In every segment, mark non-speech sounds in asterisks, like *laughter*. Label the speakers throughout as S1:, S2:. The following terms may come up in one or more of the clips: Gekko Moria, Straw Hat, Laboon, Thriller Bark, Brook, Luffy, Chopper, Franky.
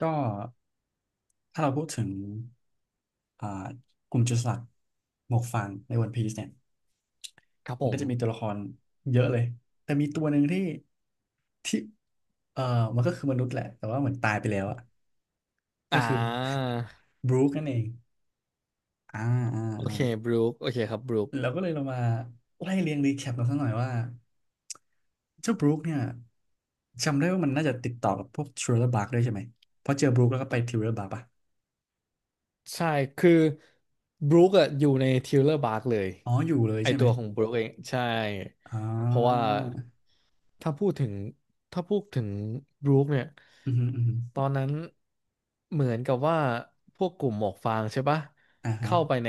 S1: ก็ถ้าเราพูดถึงอ่ากลุ่มจุลสลักดิ์หมวกฟางในวันพีซเนี่ย
S2: ครับ
S1: มั
S2: ผ
S1: นก็
S2: ม
S1: จะมีตัวละครเยอะเลยแต่มีตัวหนึ่งที่ที่เออมันก็คือมนุษย์แหละแต่ว่าเหมือนตายไปแล้วอะก็
S2: อ่า
S1: คือบรูคนั่นเองอ่าอ่า
S2: โอเค
S1: อ่า
S2: บรูคโอเคครับบรูค
S1: เราก็เลยเรามาไล่เรียงรีแคปกันสักหน่อยว่าเจ้าบรูคเนี่ยจำได้ว่ามันน่าจะติดต่อกับพวกทริลเลอร์บาร์กด้วยใช่ไหมเพราะเจอบรูคแล้วก็ไปทริลเลอร์บาร์กป่ะ
S2: ใช่ คือ บรูคอะอยู่ในทิวเลอร์บาร์กเลย
S1: อ๋ออยู่เลย
S2: ไอ
S1: ใช่ไหม
S2: ตัวของบรูคเอง ใช่
S1: อ่
S2: เพราะว่า
S1: า
S2: ถ้าพูดถึง ถ้าพูดถึงบรูคเนี่ย
S1: อือฮึอือฮึ
S2: ตอนนั้นเหมือนกับว่าพวกกลุ่มหมวกฟางใช่ปะ
S1: อ่าฮะ
S2: เข้าไปใน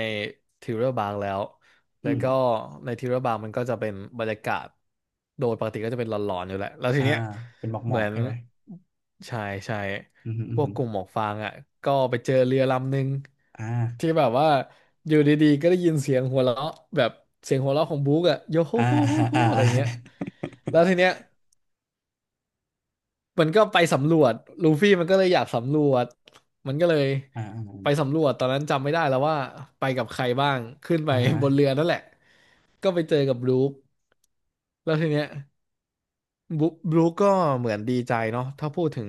S2: ทิวเรอร์บางแล้ว
S1: อื
S2: แล้ว
S1: ม
S2: ก็ในทิวเรอร์บางมันก็จะเป็นบรรยากาศโดยปกติก็จะเป็นหลอนๆอยู่แหละแล้วที
S1: อ่า
S2: เนี้ย
S1: เป็นหมอกหม
S2: เห
S1: อ
S2: มื
S1: ก
S2: อน
S1: ใช่ไหม
S2: ใช่ใช่
S1: อืมฮึอื
S2: พ
S1: ม
S2: วก
S1: ฮึ
S2: กลุ่มหมวกฟางอ่ะก็ไปเจอเรือลำหนึ่ง
S1: อ่
S2: ที่
S1: า
S2: แบบว่าอยู่ดีๆก็ได้ยินเสียงหัวเราะแบบเสียงหัวเราะของบุ๊กอ่ะโยโฮ
S1: อ่า
S2: โฮโฮ
S1: อ่า
S2: โฮ
S1: อ่า
S2: อะไรเงี้ยแล้วทีเนี้ย มันก็ไปสำรวจลูฟี่มันก็เลยอยากสำรวจมันก็เลย
S1: อ
S2: ไป
S1: ่า
S2: สำรวจตอนนั้นจำไม่ได้แล้วว่าไปกับใครบ้างขึ้นไป
S1: อ่าอ่าฮะ
S2: บนเรือนั่นแหละก็ไปเจอกับบรู๊คแล้วทีเนี้ย บรูบรูคก็เหมือนดีใจเนาะถ้าพูดถึง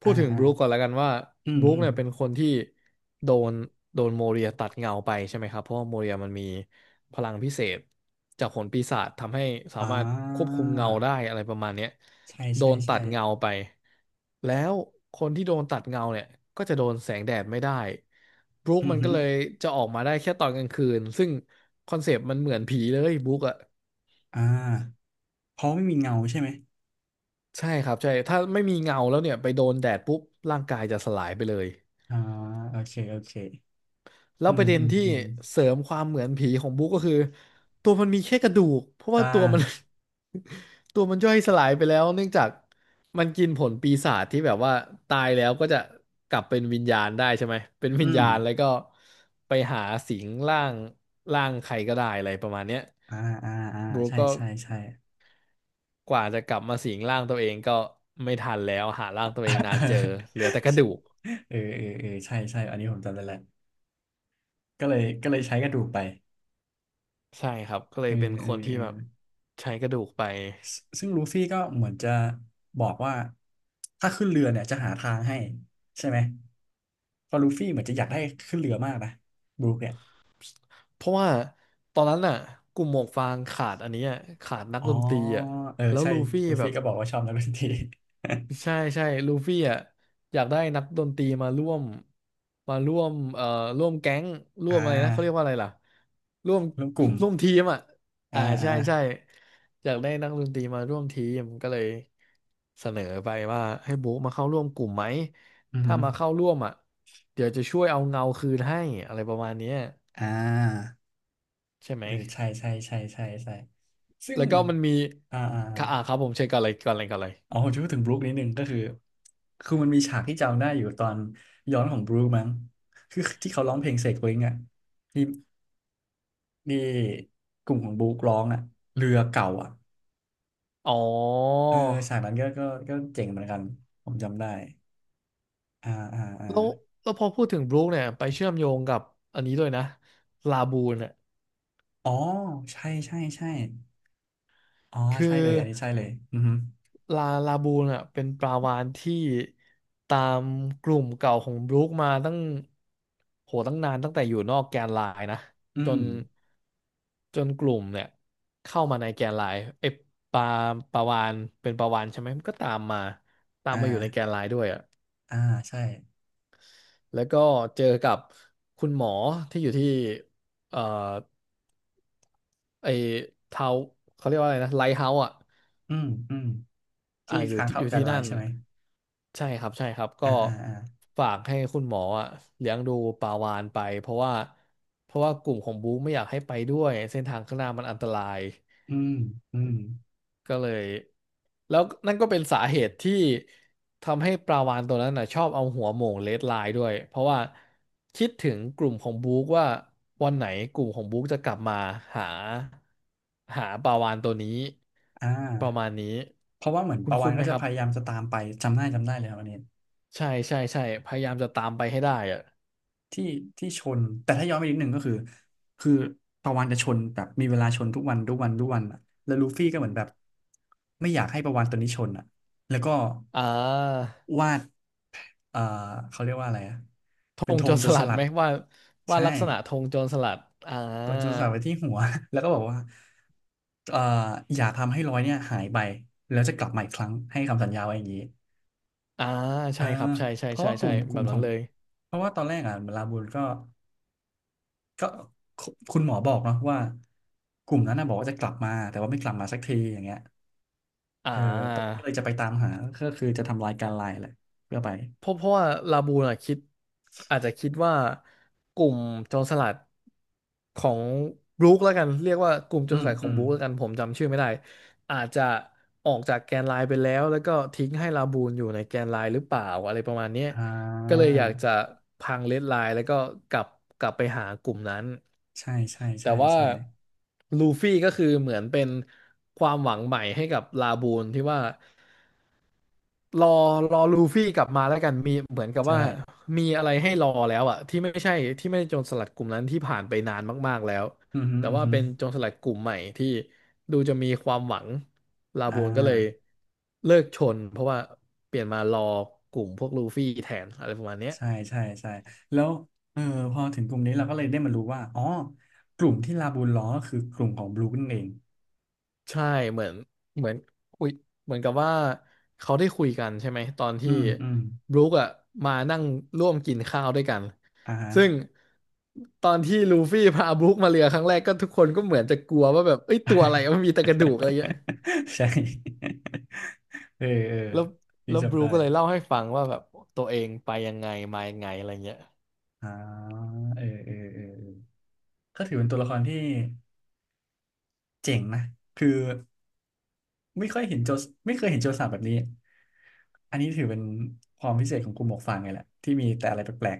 S1: อ่าอ่า
S2: บรูคก่อนแล้วกันว่า
S1: อื
S2: บ
S1: ม
S2: รูค
S1: อืม
S2: เนี่ยเป็นคนที่โดนโดนโมเรียตัดเงาไปใช่ไหมครับเพราะว่าโมเรียมันมีพลังพิเศษจากผลปีศาจทำให้สา
S1: อ่
S2: มารถควบ
S1: า
S2: คุมเงาได้อะไรประมาณเนี้ย
S1: ใช่
S2: โด
S1: ใช่
S2: นตั
S1: ใช่
S2: ดเงาไปแล้วคนที่โดนตัดเงาเนี่ยก็จะโดนแสงแดดไม่ได้บรูค
S1: อืม
S2: มัน
S1: ฮึ
S2: ก็เลยจะออกมาได้แค่ตอนกลางคืนซึ่งคอนเซปต์มันเหมือนผีเลยบรูคอะ
S1: อ่าเพราะไม่มีเงาใช่ไหม
S2: ใช่ครับใช่ถ้าไม่มีเงาแล้วเนี่ยไปโดนแดดปุ๊บร่างกายจะสลายไปเลย
S1: อ่าโอเคโอเค
S2: แล้ว
S1: อื
S2: ป
S1: ม
S2: ระเด็น
S1: อืม
S2: ที่
S1: อืม
S2: เสริมความเหมือนผีของบุ๊กก็คือตัวมันมีแค่กระดูกเพราะ
S1: อ่
S2: ว่าตัวมัน
S1: า
S2: *laughs* ตัวมันย่อยสลายไปแล้วเนื่องจากมันกินผลปีศาจที่แบบว่าตายแล้วก็จะกลับเป็นวิญญาณได้ใช่ไหมเป็นวิญ
S1: อืม
S2: ญาณแล้วก็ไปหาสิงร่างร่างใครก็ได้อะไรประมาณเนี้ย
S1: อ่าอ่าอ่า
S2: บุ๊ก
S1: ใช่
S2: ก็
S1: ใช่ใช่
S2: กว่าจะกลับมาสิงร่างตัวเองก็ไม่ทันแล้วหาร่างตัวเองนานเจอเหลือ
S1: *laughs*
S2: แต่กระดูก
S1: เออเออเออใช่ใช่อันนี้ผมจำได้แล้วก็เลยใช้กระดูกไป
S2: ใช่ครับก็เล
S1: เอ
S2: ย
S1: อ
S2: เป็นค
S1: เอ
S2: น
S1: อ
S2: ที่
S1: เออ
S2: แบบใช้กระดูกไป
S1: ซึ่งลูฟี่ก็เหมือนจะบอกว่าถ้าขึ้นเรือเนี่ยจะหาทางให้ใช่ไหมเพอลูฟี่เหมือนจะอยากให้ขึ้นเรือมากนะบรูคเนี่ย
S2: เพราะว่าตอนนั้นน่ะกลุ่มหมวกฟางขาดอันเนี้ยขาดนัก
S1: อ๋อ
S2: ดนตรีอ่ะ
S1: เออ
S2: แล้ว
S1: ใช่
S2: ลูฟี่
S1: ลู
S2: แบ
S1: ฟี่
S2: บ
S1: ก็บอกว่าชอบนักดนตรี *laughs*
S2: ใช่ใช่ลูฟี่อ่ะอยากได้นักดนตรีมาร่วมมาร่วมเอ่อร่วมแก๊งร่
S1: อ่
S2: วมอะไรนะเขาเรียก
S1: า
S2: ว่าอะไรล่ะร่วม
S1: ร่วมกลุ่ม
S2: *laughs* ร่วมทีมอ่ะ
S1: อ่า
S2: อ่า
S1: อ่า
S2: ใช่ใช่อยากได้นักดนตรีมาร่วมทีมก็เลยเสนอไปว่าให้บุ๊กมาเข้าร่วมกลุ่มไหม
S1: อือหื
S2: ถ้า
S1: อ
S2: มาเข้าร่วมอ่ะเดี๋ยวจะช่วยเอาเงาคืนให้อะไรประมาณเนี้ย
S1: อ่า
S2: ใช่ไหม
S1: เออใช่ใช่ใช่ใช่ใช่ซึ่ง
S2: แล้วก็มันมี
S1: อ่าอ่า
S2: ค่ะอ่าครับผมเช็คก่อนเลย
S1: อ๋อผมจะพูดถึงบรูคนิดนึงก็คือคือมันมีฉากที่จำได้อยู่ตอนย้อนของบรูคมั้งคือที่เขาร้องเพลงเสกวิงอ่ะที่ ที่กลุ่มของบุ๊กร้องอ่ะเรือเก่าอ่ะ
S2: อ๋อ
S1: เออฉากนั้นก็เจ๋งเหมือนกันผมจำได้อ่าอ่าอ่า
S2: แล้วแล้วพอพูดถึงบรูคเนี่ยไปเชื่อมโยงกับอันนี้ด้วยนะลาบูนอ่ะ
S1: อ๋อใช่ใช่ใช่อ๋อ
S2: คือ
S1: ใช่เลยอันนี้ใช่เลยอือหือ
S2: ลาบูนอ่ะเป็นปลาวาฬที่ตามกลุ่มเก่าของบรูคมาตั้งโหตั้งนานตั้งแต่อยู่นอกแกนไลน์นะ
S1: อื
S2: จ
S1: ม
S2: นจนกลุ่มเนี่ยเข้ามาในแกนไลน์ไอ้ปลาปลาวาฬเป็นปลาวาฬใช่ไหมมันก็ตามมาตาม
S1: อ่า
S2: มาอยู่ในแกนไลน์ด้วยอ่ะ
S1: อ่าใช่
S2: แล้วก็เจอกับคุณหมอที่อยู่ที่เอ่อไอ้ทาวเขาเรียกว่าอะไรนะไลท์เฮาส์อ่ะ
S1: อืมอืม
S2: อ่า
S1: ที่
S2: อยู่
S1: ค้าง
S2: ที่อ
S1: เข้า
S2: ยู่
S1: กัน
S2: ที่
S1: ไล
S2: นั่
S1: น์
S2: น
S1: ใช่ไหม
S2: ใช่ครับใช่ครับก็
S1: อ่าอ่าอ่า
S2: ฝากให้คุณหมออ่ะเลี้ยงดูปาวานไปเพราะว่ากลุ่มของบู๊ไม่อยากให้ไปด้วยเส้นทางข้างหน้ามันอันตราย
S1: อืมอืม
S2: ก็เลยแล้วนั่นก็เป็นสาเหตุที่ทำให้ปลาวาฬตัวนั้นนะชอบเอาหัวโหม่งเลดไลน์ด้วยเพราะว่าคิดถึงกลุ่มของบุ๊กว่าวันไหนกลุ่มของบุ๊กจะกลับมาหาหาปลาวาฬตัวนี้
S1: อ่
S2: ประมาณ
S1: า
S2: นี้
S1: เพราะว่าเหมือน
S2: คุณ
S1: ปะวั
S2: คุ้
S1: น
S2: นๆไห
S1: ก็
S2: ม
S1: จะ
S2: ครั
S1: พ
S2: บ
S1: ยายามจะตามไปจำได้จำได้เลยครับอันนี้
S2: ใช่ใช่ใช่พยายามจะตามไปให้ได้อะ
S1: ที่ชนแต่ถ้าย้อนไปนิดหนึ่งก็คือคือปะวันจะชนแบบมีเวลาชนทุกวันทุกวันทุกวันอ่ะแล้วลูฟี่ก็เหมือนแบบไม่อยากให้ปะวันตัวนี้ชนอ่ะแล้วก็
S2: อ่า
S1: วาดเอ่อเขาเรียกว่าอะไรอ่ะ
S2: ธ
S1: เป็น
S2: ง
S1: ธ
S2: โจ
S1: ง
S2: ร
S1: โจ
S2: ส
S1: รส
S2: ลัด
S1: ลั
S2: ไหม
S1: ด
S2: ว่าว่า
S1: ใช่
S2: ลักษณะธงโจรสลัดอ่า
S1: ตัวโจรสลัดไว้ที่หัว *laughs* แล้วก็บอกว่าเอ่ออย่าทำให้รอยเนี่ยหายไปแล้วจะกลับมาอีกครั้งให้คำสัญญาไว้อย่างนี้
S2: อ่า
S1: เอ
S2: ใช่
S1: อ
S2: ครับใช่ใช่
S1: เพราะ
S2: ใช่
S1: ว่าก
S2: ใช่
S1: ลุ่ม
S2: แบบ
S1: ขอ
S2: นั้น
S1: ง
S2: เลย
S1: เพราะว่าตอนแรกอ่ะลาบูนก็ ก็คุณหมอบอกเนาะว่ากลุ่มนั้นนะบอกว่าจะกลับมาแต่ว่าไม่กลับมาสักทีอย่างเงี้ย
S2: อ่า
S1: เออตอนนี้ก็เลยจะไปตามหาก็คือจะทำลายการไลน์แหละเพื่อไป
S2: เพราะว่าลาบูนอะคิดอาจจะคิดว่ากลุ่มโจรสลัดของบรูคแล้วกันเรียกว่ากลุ่มโจร
S1: อื
S2: ส
S1: ม
S2: ลัดขอ
S1: อื
S2: ง
S1: ม
S2: บรูคแล้วกันผมจำชื่อไม่ได้อาจจะออกจากแกนไลน์ไปแล้วแล้วก็ทิ้งให้ลาบูนอยู่ในแกนไลน์หรือเปล่าอะไรประมาณเนี้ย
S1: อ่
S2: ก็เลย
S1: า
S2: อยากจะพังเลดไลน์แล้วก็กลับกลับไปหากลุ่มนั้น
S1: ใช่ใช่
S2: แต่
S1: ใช่
S2: ว่า
S1: ใช่
S2: ลูฟี่ก็คือเหมือนเป็นความหวังใหม่ให้กับลาบูนที่ว่า รอรอลูฟี่กลับมาแล้วกันมีเหมือนกับ
S1: ใช่
S2: ว่ามีอะไรให้รอแล้วอะที่ไม่ใช่โจรสลัดกลุ่มนั้นที่ผ่านไปนานมากๆแล้ว
S1: อืมฮึ
S2: แต่
S1: อืม
S2: ว่า
S1: ฮึ
S2: เป็นโจรสลัดกลุ่มใหม่ที่ดูจะมีความหวังลา
S1: อ่
S2: บูนก็เลย
S1: า
S2: เลิกชนเพราะว่าเปลี่ยนมารอกลุ่มพวกลูฟี่แทนอะไรประมาณเนี้ย
S1: ใช่ใช่ใช่แล้วเออพอถึงกลุ่มนี้เราก็เลยได้มารู้ว่าอ๋อกลุ่มที่ลาบูลล้อก็คือกลุ่มของบลูนั่นเอง
S2: ใช่เหมือนเหมือนคุยเหมือนกับว่าเขาได้คุยกันใช่ไหมตอน
S1: อื
S2: ที่
S1: มอืม
S2: บรู๊คอะมานั่งร่วมกินข้าวด้วยกัน
S1: อ่าฮะ
S2: ซึ่งตอนที่ลูฟี่พาบรู๊คมาเรือครั้งแรกก็ทุกคนก็เหมือนจะกลัวว่าแบบเอ้ยตัวอะไรมันมีแต่กระดูกอะไรเงี้ย
S1: *laughs* ใช่เออเออ
S2: แล้ว
S1: พี่
S2: แล้วบ
S1: จำ
S2: รู๊ค
S1: ได้
S2: ก็เลยเล่าให้ฟังว่าแบบตัวเองไปยังไงมายังไงอะไรเงี้ย
S1: อ่าเออเออเออเออก็ถือเป็นตัวละครที่เจ๋งนะคือไม่ค่อยเห็นโจสไม่เคยเห็นโจรสลัดแบบนี้อันนี้ถือเป็นความพิเศษของกลุ่มหมวกฟางไงแหละที่มีแต่อะไรแปลก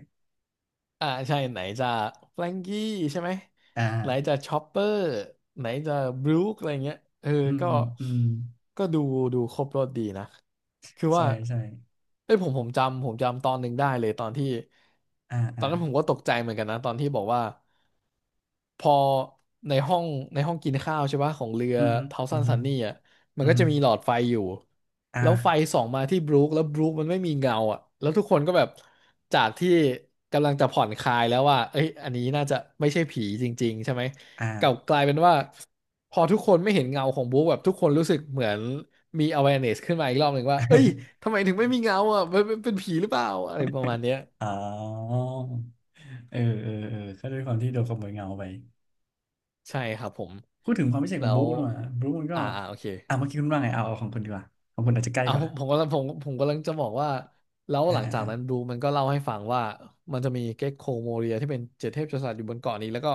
S2: อ่าใช่ไหนจะแฟรงกี้ใช่ไหม
S1: ๆอ่า
S2: ไหนจะชอปเปอร์ไหนจะบรู๊คอะไรเงี้ยเออ
S1: อืม
S2: ก็
S1: อืม
S2: ก็ดูครบรสดีนะคือ
S1: ใช่
S2: ว่า
S1: ใช่
S2: เอ้ยผมจำตอนหนึ่งได้เลยตอนที่
S1: อ่า
S2: ตอ
S1: อ่า
S2: นนั้นผมก็ตกใจเหมือนกันนะตอนที่บอกว่า พอในห้องในห้องกินข้าวใช่ปะของเรือ
S1: อือฮึ
S2: เทา
S1: อื
S2: ซั
S1: อ
S2: น
S1: ฮึ
S2: ซันนี่อ่ะมัน
S1: อือ
S2: ก็
S1: ฮึ
S2: จะมีหลอดไฟอยู่แล้วไฟ
S1: อ่า
S2: ส่องมาที่บรูคแล้วบรูคมันไม่มีเงาอ่ะแล้วทุกคนก็แบบจากที่กำลังจะผ่อนคลายแล้วว่าเอ้ยอันนี้น่าจะไม่ใช่ผีจริงๆใช่ไหม
S1: อ่า
S2: กลับกลายเป็นว่าพอทุกคนไม่เห็นเงาของบรูคแบบทุกคนรู้สึกเหมือนมี awareness ขึ้นมาอีกรอบหนึ่งว่าเอ้ยทำไมถึงไม่มีเงาอ่ะมันมันเป็นผีหรือเปล่าอะไรประมาณเนี้ย
S1: *laughs* อ๋อเออเออเออก็ด้วยความที่โดนขโมยเงาไป
S2: ใช่ครับผม
S1: พูดถึงความพิเศษข
S2: แล้
S1: อง
S2: ว
S1: บุ๊กหน่อยบุ๊กมันก็
S2: โอเค
S1: อ่ะเมื่อกี้คุณว่าไงเอาของคุณดีกว่าของคุณอาจจะใกล้
S2: เอา
S1: กว่า
S2: ผมผมกำลังผมผมกำลังจะบอกว่าแล้ว
S1: อ่า
S2: หลัง
S1: อ่า
S2: จาก
S1: อ่า
S2: นั้นดูมันก็เล่าให้ฟังว่ามันจะมีเก็กโคโมเรียที่เป็นเจ็ดเทพกษัตริย์อยู่บนเกาะนี้แล้วก็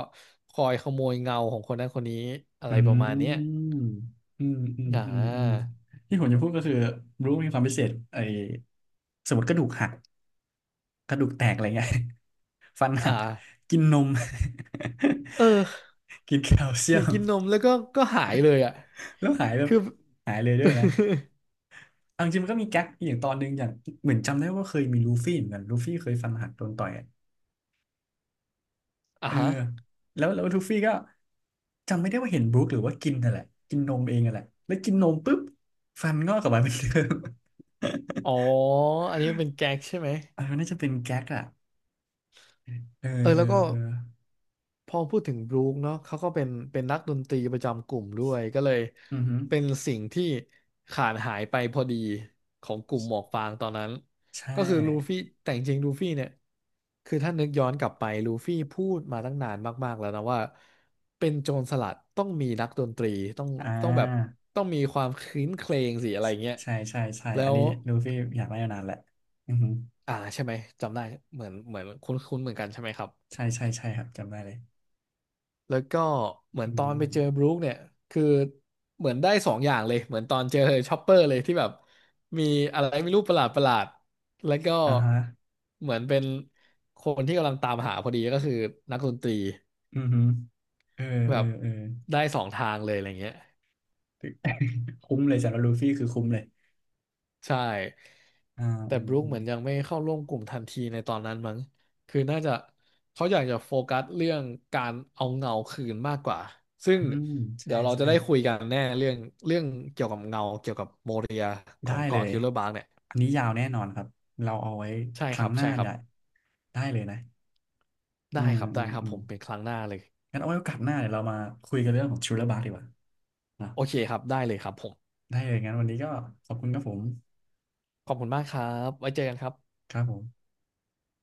S2: คอยขโมยเงาของคนนั้นคนนี้อะ
S1: อื
S2: ไรประมาณเนี้ย
S1: มอืมอืม
S2: อ่
S1: อืมอืม
S2: า
S1: ที่ผมจะพูดก็คือบุ๊กมีความพิเศษไอ้สมมติกระดูกหักกระดูกแตกอะไรเงี้ย *laughs* ฟันหั
S2: อ่า
S1: กกินนม
S2: เออ *laughs*
S1: *laughs* กินแคลเซี
S2: กิ
S1: ย
S2: น
S1: ม
S2: กินนมแล้วก็ก็หายเลยอ่ะ
S1: แล้วหายแบ
S2: *laughs*
S1: บ
S2: คือ
S1: หายเลยด้วยนะ
S2: *laughs*
S1: เอาจริงๆมันก็มีแก๊กอย่างตอนหนึงอย่างเหมือนจำได้ว่าเคยมีลูฟี่เหมือนกันลูฟี่เคยฟันหักโดนต่อย
S2: อ่า
S1: เออ
S2: ฮะ
S1: แล้วทูฟี่ก็จำไม่ได้ว่าเห็นบรูคหรือว่ากินนั่นแหละกินนมเองนั่นแหละแล้วกินนมปุ๊บฟันงอกกลับมาเป็นเดิม
S2: อ๋ออันนี้เป็นแก๊กใช่ไหม
S1: *laughs* เออน่าจะเป็นแก๊กอะเออ
S2: เออ
S1: เอ
S2: แล้
S1: อ
S2: วก็
S1: เออ
S2: พอพูดถึงบรู๊คเนาะเขาก็เป็นนักดนตรีประจำกลุ่มด้วยก็เลย
S1: อือหือ
S2: เป็นสิ่งที่ขาดหายไปพอดีของกลุ่มหมวกฟางตอนนั้น
S1: ใช่
S2: ก็คือลูฟี่แต่จริงๆลูฟี่เนี่ยคือถ้านึกย้อนกลับไปลูฟี่พูดมาตั้งนานมากๆแล้วนะว่าเป็นโจรสลัดต้องมีนักดนตรีต้อง
S1: อ่
S2: ต้องแบบ
S1: า
S2: ต้องมีความครื้นเครงสิอะไรเงี้ย
S1: ใช่ใช่ใช่
S2: แล้
S1: อัน
S2: ว
S1: นี้ลูฟี่อยากได้มานานแหละอือหือ
S2: อ่าใช่ไหมจำได้เหมือนคุ้นๆเหมือนกันใช่ไหมครับ
S1: ใช่ใช่ใช่ครับจำได้เลย
S2: แล้วก็เหมือ
S1: อื
S2: นตอนไปเจอ
S1: ม
S2: บรู๊คเนี่ยคือเหมือนได้สองอย่างเลยเหมือนตอนเจอชอปเปอร์เลยที่แบบมีอะไรไม่รู้ประหลาดประหลาดแล้วก็
S1: อ่าฮะ
S2: เหมือนเป็นคนที่กำลังตามหาพอดีก็คือนักดนตรี
S1: อือหือเออ
S2: แบ
S1: เอ
S2: บ
S1: อเออ
S2: ได้สองทางเลยอะไรเงี้ย
S1: *laughs* คุ้มเลยสำหรับลูฟี่คือคุ้มเลย
S2: ใช่
S1: อ่า
S2: แต่
S1: อื
S2: บ
S1: ม
S2: รูค
S1: อื
S2: เห
S1: ม
S2: มือนยังไม่เข้าร่วมกลุ่มทันทีในตอนนั้นมั้งคือน่าจะเขาอยากจะโฟกัสเรื่องการเอาเงาคืนมากกว่าซึ่ง
S1: อืมใช่
S2: เดี๋ยวเราจะ
S1: ใช่
S2: ได้คุยกันแน่เรื่องเกี่ยวกับเงาเกี่ยวกับโมเรียข
S1: ได้
S2: อง
S1: เล
S2: เกาะ
S1: ย
S2: ทิวเลอร์บาร์กเนี่ย
S1: อันนี้ยาวแน่นอนครับ เราเอาไว้
S2: ใช่
S1: ค
S2: ค
S1: รั้
S2: รั
S1: ง
S2: บ
S1: หน้า
S2: ใช่ครั
S1: เนี่
S2: บ
S1: ยได้เลยนะ อื
S2: ได้
S1: ม
S2: ครับ
S1: อื
S2: ได้
S1: ม
S2: ครับ
S1: อื
S2: ผ
S1: ม
S2: มเป็นครั้งหน้าเลย
S1: งั้นเอาไว้โอกาสหน้าเดี๋ยวเรามาคุยกันเรื่องของชูเลอร์บาร์ดีกว่านะ
S2: โอเคครับได้เลยครับผม
S1: ได้เลย งั้นวันนี้ก็ขอบคุณครับผม
S2: ขอบคุณมากครับไว้เจอกันครับ
S1: ครับผม